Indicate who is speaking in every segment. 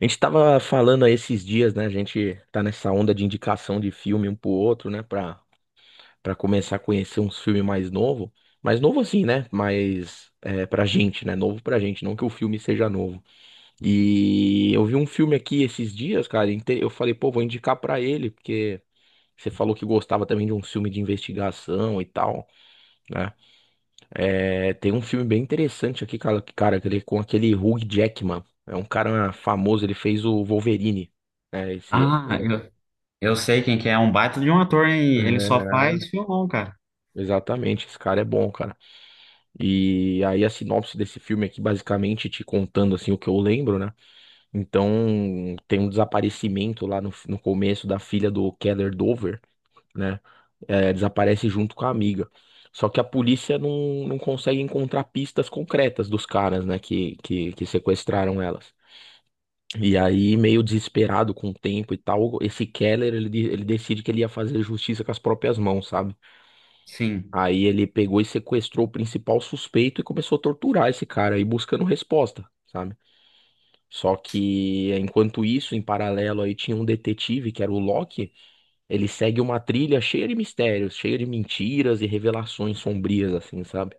Speaker 1: A gente tava falando aí esses dias, né? A gente tá nessa onda de indicação de filme um pro outro, né? Pra começar a conhecer uns filmes mais novo. Mais novo assim, né? Mas é, pra gente, né? Novo pra gente, não que o filme seja novo. E eu vi um filme aqui esses dias, cara. Eu falei, pô, vou indicar pra ele, porque você falou que gostava também de um filme de investigação e tal. Né? É, tem um filme bem interessante aqui, cara, com aquele Hugh Jackman. É um cara famoso, ele fez o Wolverine, né? Esse
Speaker 2: Ah,
Speaker 1: ator aqui.
Speaker 2: eu sei quem que é. É um baita de um ator, hein? Ele só
Speaker 1: É,
Speaker 2: faz filmão, cara.
Speaker 1: exatamente, esse cara é bom, cara. E aí a sinopse desse filme aqui, basicamente, te contando assim o que eu lembro, né? Então, tem um desaparecimento lá no começo da filha do Keller Dover, né? É, desaparece junto com a amiga. Só que a polícia não consegue encontrar pistas concretas dos caras, né, que sequestraram elas. E aí, meio desesperado com o tempo e tal, esse Keller, ele, ele decide que ele ia fazer justiça com as próprias mãos, sabe?
Speaker 2: Sim.
Speaker 1: Aí ele pegou e sequestrou o principal suspeito e começou a torturar esse cara aí, buscando resposta, sabe? Só que, enquanto isso, em paralelo aí tinha um detetive, que era o Locke, ele segue uma trilha cheia de mistérios, cheia de mentiras e revelações sombrias, assim, sabe?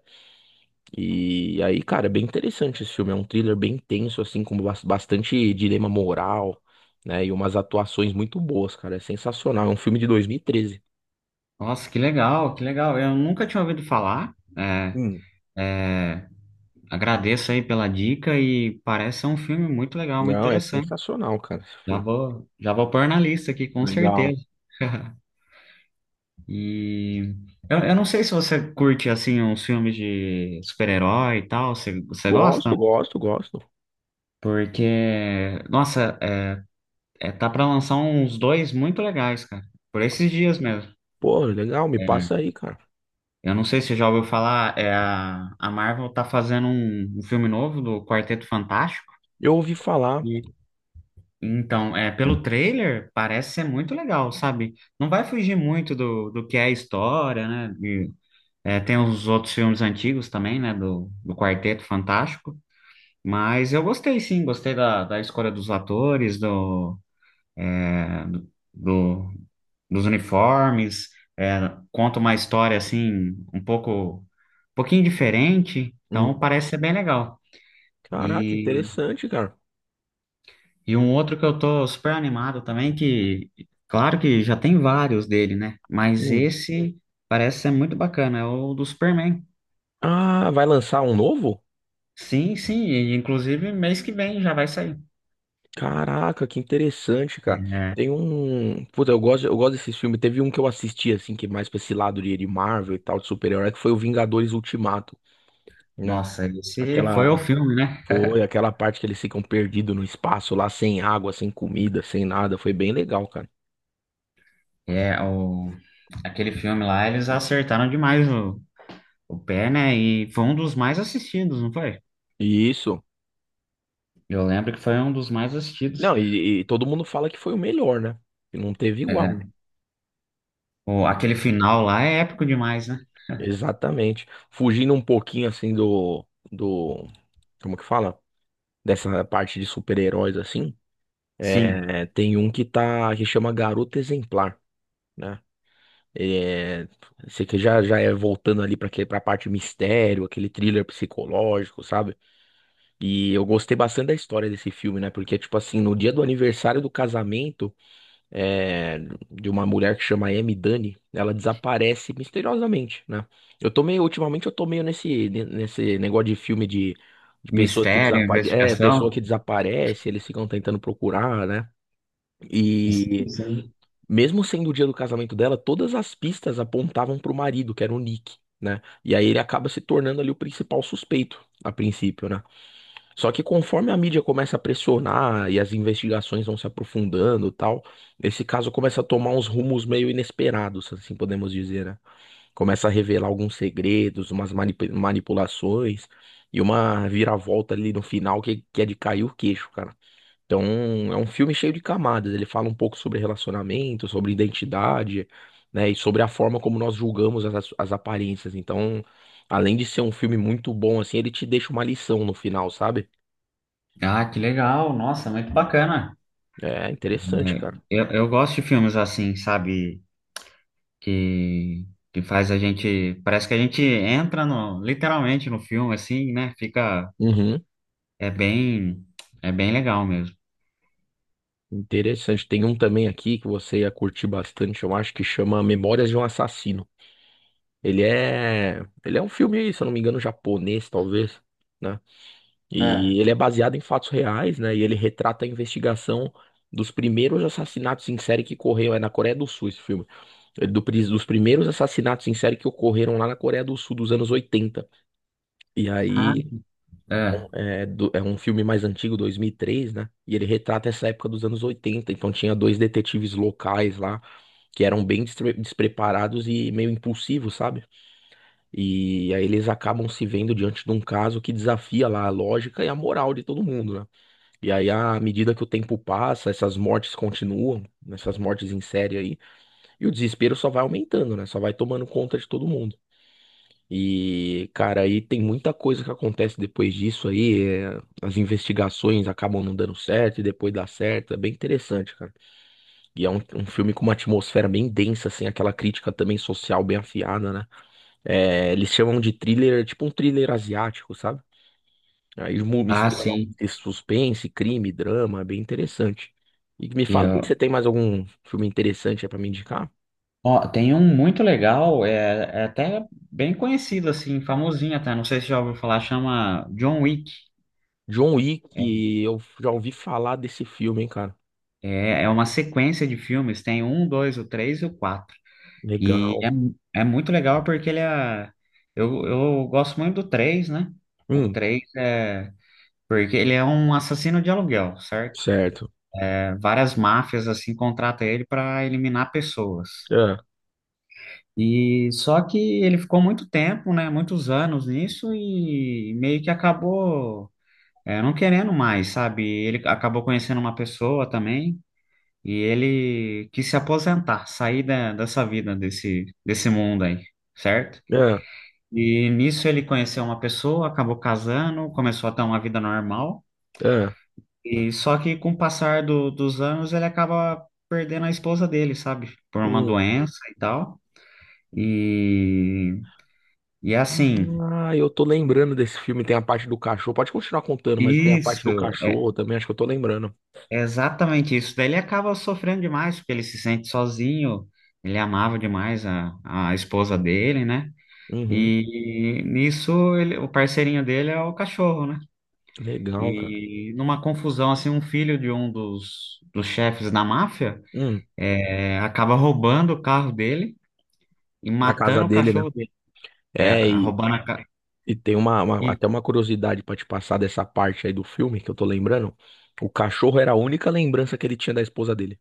Speaker 1: E aí, cara, é bem interessante esse filme. É um thriller bem tenso, assim, com bastante dilema moral, né? E umas atuações muito boas, cara. É sensacional. É um filme de 2013.
Speaker 2: Nossa, que legal, que legal. Eu nunca tinha ouvido falar. É,
Speaker 1: Hum,
Speaker 2: é, agradeço aí pela dica e parece ser um filme muito legal, muito
Speaker 1: Não, é
Speaker 2: interessante.
Speaker 1: sensacional, cara, esse
Speaker 2: Já
Speaker 1: filme.
Speaker 2: vou, já vou pôr na lista aqui, com
Speaker 1: Legal.
Speaker 2: certeza. E eu não sei se você curte, assim, uns filmes de super-herói e tal. Você
Speaker 1: Gosto,
Speaker 2: gosta?
Speaker 1: gosto, gosto.
Speaker 2: Porque, nossa, é, é, tá pra lançar uns dois muito legais, cara. Por esses dias mesmo.
Speaker 1: Pô, legal, me
Speaker 2: É.
Speaker 1: passa aí, cara.
Speaker 2: Eu não sei se você já ouviu falar, é a Marvel tá fazendo um filme novo do Quarteto Fantástico.
Speaker 1: Eu ouvi falar.
Speaker 2: E, então, é, pelo trailer, parece ser muito legal, sabe? Não vai fugir muito do que é a história, né? E, é, tem os outros filmes antigos também, né? Do Quarteto Fantástico. Mas eu gostei sim, gostei da escolha dos atores, do, é, do, dos uniformes, é, conta uma história assim, um pouco, um pouquinho diferente, então
Speaker 1: Hum,
Speaker 2: parece ser bem legal.
Speaker 1: Caraca,
Speaker 2: E,
Speaker 1: interessante, cara.
Speaker 2: e um outro que eu tô super animado também, que claro que já tem vários dele, né? Mas
Speaker 1: Hum.
Speaker 2: esse parece ser muito bacana, é o do Superman.
Speaker 1: Ah, vai lançar um novo?
Speaker 2: Sim, sim, e inclusive mês que vem já vai sair.
Speaker 1: Caraca, que interessante, cara.
Speaker 2: É,
Speaker 1: Tem um. Puta, eu gosto desses filmes. Teve um que eu assisti, assim, que é mais pra esse lado de Marvel e tal, de super-herói, que foi o Vingadores Ultimato, né?
Speaker 2: nossa, esse foi o
Speaker 1: Aquela.
Speaker 2: filme, né?
Speaker 1: Foi aquela parte que eles ficam perdidos no espaço lá, sem água, sem comida, sem nada. Foi bem legal, cara.
Speaker 2: É, o, aquele filme lá, eles acertaram demais o pé, né? E foi um dos mais assistidos, não foi?
Speaker 1: E isso.
Speaker 2: Eu lembro que foi um dos mais assistidos.
Speaker 1: Não, e todo mundo fala que foi o melhor, né? Que não teve igual.
Speaker 2: É, o, aquele final lá é épico demais, né?
Speaker 1: Exatamente. Fugindo um pouquinho, assim, do. Do. Como que fala? Dessa parte de super-heróis, assim.
Speaker 2: Sim.
Speaker 1: É, tem um que tá que chama Garota Exemplar, né? É, esse aqui já já é voltando ali para a parte mistério, aquele thriller psicológico, sabe? E eu gostei bastante da história desse filme, né? Porque tipo assim, no dia do aniversário do casamento é, de uma mulher que chama Amy Dunne, ela desaparece misteriosamente, né? Eu tô meio, ultimamente eu tô meio nesse negócio de filme de pessoas que
Speaker 2: Mistério,
Speaker 1: desaparecem, é, pessoa que
Speaker 2: investigação.
Speaker 1: desaparece, eles ficam tentando procurar, né?
Speaker 2: Sim,
Speaker 1: E
Speaker 2: sim.
Speaker 1: Mesmo sendo o dia do casamento dela, todas as pistas apontavam pro marido, que era o Nick, né? E aí ele acaba se tornando ali o principal suspeito, a princípio, né? Só que conforme a mídia começa a pressionar e as investigações vão se aprofundando e tal, esse caso começa a tomar uns rumos meio inesperados, assim podemos dizer, né? Começa a revelar alguns segredos, umas manipulações e uma viravolta ali no final que é de cair o queixo, cara. Então, é um filme cheio de camadas. Ele fala um pouco sobre relacionamento, sobre identidade, né? E sobre a forma como nós julgamos as aparências. Então, além de ser um filme muito bom, assim, ele te deixa uma lição no final, sabe?
Speaker 2: Ah, que legal. Nossa, muito bacana.
Speaker 1: É interessante,
Speaker 2: É,
Speaker 1: cara.
Speaker 2: eu gosto de filmes assim, sabe? Que, que faz a gente. Parece que a gente entra no, literalmente no filme, assim, né? Fica.
Speaker 1: Uhum.
Speaker 2: É bem. É bem legal mesmo.
Speaker 1: Interessante. Tem um também aqui que você ia curtir bastante, eu acho, que chama Memórias de um Assassino. Ele é um filme, se eu não me engano, japonês, talvez, né? E
Speaker 2: É.
Speaker 1: ele é baseado em fatos reais, né? E ele retrata a investigação dos primeiros assassinatos em série que ocorreram. É na Coreia do Sul esse filme. É do dos primeiros assassinatos em série que ocorreram lá na Coreia do Sul dos anos 80. E
Speaker 2: Ah,
Speaker 1: aí.
Speaker 2: é.
Speaker 1: Então, é, é um filme mais antigo, 2003, né? E ele retrata essa época dos anos 80. Então tinha dois detetives locais lá que eram bem despreparados e meio impulsivos, sabe? E aí eles acabam se vendo diante de um caso que desafia lá a lógica e a moral de todo mundo, né? E aí, à medida que o tempo passa, essas mortes continuam, essas mortes em série aí, e o desespero só vai aumentando, né? Só vai tomando conta de todo mundo. E, cara, aí tem muita coisa que acontece depois disso aí. É, as investigações acabam não dando certo e depois dá certo. É bem interessante, cara. E é um filme com uma atmosfera bem densa, assim, aquela crítica também social bem afiada, né? É, eles chamam de thriller, tipo um thriller asiático, sabe? Aí
Speaker 2: Ah,
Speaker 1: mistura lá um
Speaker 2: sim.
Speaker 1: texto suspense, crime, drama, é bem interessante. E me fala aí, você tem mais algum filme interessante aí pra me indicar?
Speaker 2: Ó, tem um muito legal, é, é até bem conhecido, assim, famosinho até, não sei se já ouviu falar, chama John Wick.
Speaker 1: John Wick, eu já ouvi falar desse filme, hein, cara.
Speaker 2: É, é uma sequência de filmes, tem um, dois, o três e o quatro. E
Speaker 1: Legal.
Speaker 2: é, é muito legal porque ele é... Eu gosto muito do três, né? O
Speaker 1: Hum,
Speaker 2: três é... Porque ele é um assassino de aluguel, certo?
Speaker 1: certo.
Speaker 2: É, várias máfias, assim, contratam ele para eliminar pessoas.
Speaker 1: É,
Speaker 2: E só que ele ficou muito tempo, né, muitos anos nisso e meio que acabou não querendo mais, sabe? Ele acabou conhecendo uma pessoa também e ele quis se aposentar, sair da, dessa vida, desse, desse mundo aí, certo?
Speaker 1: é,
Speaker 2: E nisso ele conheceu uma pessoa, acabou casando, começou a ter uma vida normal
Speaker 1: é.
Speaker 2: e só que com o passar do- dos anos ele acaba perdendo a esposa dele, sabe? Por uma
Speaker 1: Hum.
Speaker 2: doença e tal. E, e é assim.
Speaker 1: Ah, eu tô lembrando desse filme, tem a parte do cachorro. Pode continuar contando, mas tem a parte do
Speaker 2: Isso,
Speaker 1: cachorro também, acho que eu tô lembrando.
Speaker 2: é exatamente isso. Daí ele acaba sofrendo demais, porque ele se sente sozinho, ele amava demais a esposa dele, né?
Speaker 1: Uhum.
Speaker 2: E nisso ele, o parceirinho dele é o cachorro, né?
Speaker 1: Legal, cara.
Speaker 2: E numa confusão, assim, um filho de um dos chefes da máfia
Speaker 1: Hum,
Speaker 2: acaba roubando o carro dele e
Speaker 1: na casa
Speaker 2: matando o
Speaker 1: dele, né?
Speaker 2: cachorro dele. É,
Speaker 1: É,
Speaker 2: roubando a... ca-
Speaker 1: e tem
Speaker 2: E,
Speaker 1: até uma curiosidade pra te passar dessa parte aí do filme que eu tô lembrando. O cachorro era a única lembrança que ele tinha da esposa dele.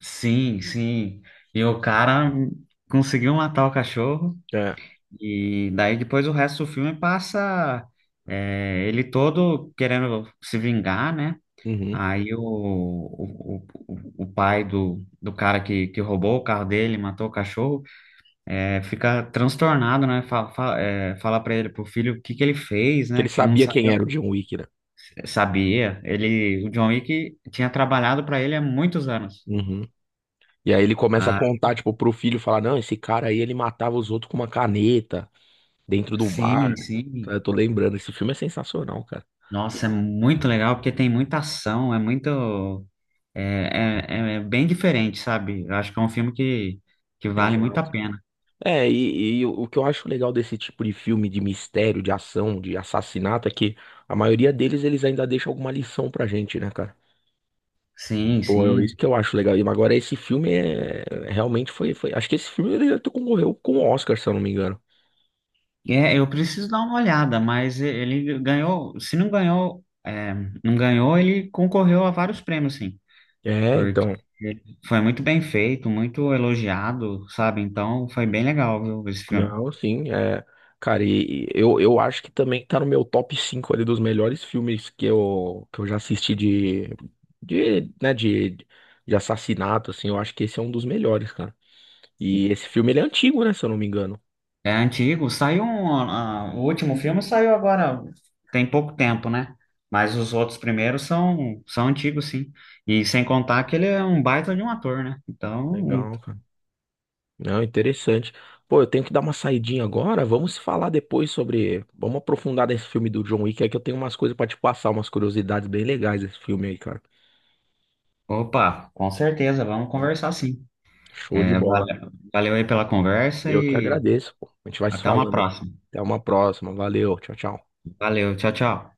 Speaker 2: sim, sim. E o cara conseguiu matar o cachorro.
Speaker 1: É.
Speaker 2: E daí depois o resto do filme passa ele todo querendo se vingar, né?
Speaker 1: Uhum.
Speaker 2: Aí o pai do, do cara que roubou o carro dele, matou o cachorro, é, fica transtornado, né? Fala, fala, é, fala pra ele, pro filho, o que que ele fez,
Speaker 1: Que ele
Speaker 2: né? Que não
Speaker 1: sabia quem
Speaker 2: sabia.
Speaker 1: era o John Wick, né?
Speaker 2: Sabia. Ele, o John Wick tinha trabalhado para ele há muitos anos.
Speaker 1: Uhum. E aí ele começa a
Speaker 2: Ah,
Speaker 1: contar, tipo, pro filho, falar, não, esse cara aí, ele matava os outros com uma caneta dentro do
Speaker 2: sim,
Speaker 1: bar. Tá,
Speaker 2: sim.
Speaker 1: eu tô lembrando, esse filme é sensacional, cara.
Speaker 2: Nossa, é muito legal porque tem muita ação, é muito. É, é, é bem diferente, sabe? Eu acho que é um filme que vale muito a
Speaker 1: Exato.
Speaker 2: pena.
Speaker 1: É, e o que eu acho legal desse tipo de filme de mistério, de ação, de assassinato, é que a maioria deles, eles ainda deixam alguma lição pra gente, né, cara?
Speaker 2: Sim,
Speaker 1: Pô, é isso
Speaker 2: sim.
Speaker 1: que eu acho legal. E agora esse filme é realmente foi. Acho que esse filme ele até concorreu com o Oscar, se eu não me engano.
Speaker 2: É, eu preciso dar uma olhada, mas e- ele ganhou. Se não ganhou, é, não ganhou, ele concorreu a vários prêmios, sim.
Speaker 1: É,
Speaker 2: Porque
Speaker 1: então.
Speaker 2: ele foi muito bem feito, muito elogiado, sabe? Então foi bem legal, viu, esse filme.
Speaker 1: Não, sim, é. Cara, e eu acho que também tá no meu top 5 ali dos melhores filmes que eu já assisti de, né, de assassinato, assim. Eu acho que esse é um dos melhores, cara. E esse filme ele é antigo, né, se eu não me engano.
Speaker 2: É antigo, saiu um, ah, o último filme saiu agora, tem pouco tempo, né? Mas os outros primeiros são, são antigos, sim. E sem contar que ele é um baita de um ator, né? Então,
Speaker 1: Legal, cara. Não, interessante. Pô, eu tenho que dar uma saidinha agora. Vamos se falar depois sobre. Vamos aprofundar nesse filme do John Wick, é que eu tenho umas coisas pra te passar, umas curiosidades bem legais desse filme aí, cara.
Speaker 2: opa, com certeza, vamos
Speaker 1: Tá.
Speaker 2: conversar sim.
Speaker 1: Show de
Speaker 2: É,
Speaker 1: bola.
Speaker 2: valeu, valeu aí pela conversa
Speaker 1: Eu que
Speaker 2: e
Speaker 1: agradeço, pô. A gente vai se
Speaker 2: até uma
Speaker 1: falando aí.
Speaker 2: próxima.
Speaker 1: Até uma próxima. Valeu. Tchau, tchau.
Speaker 2: Valeu, tchau, tchau.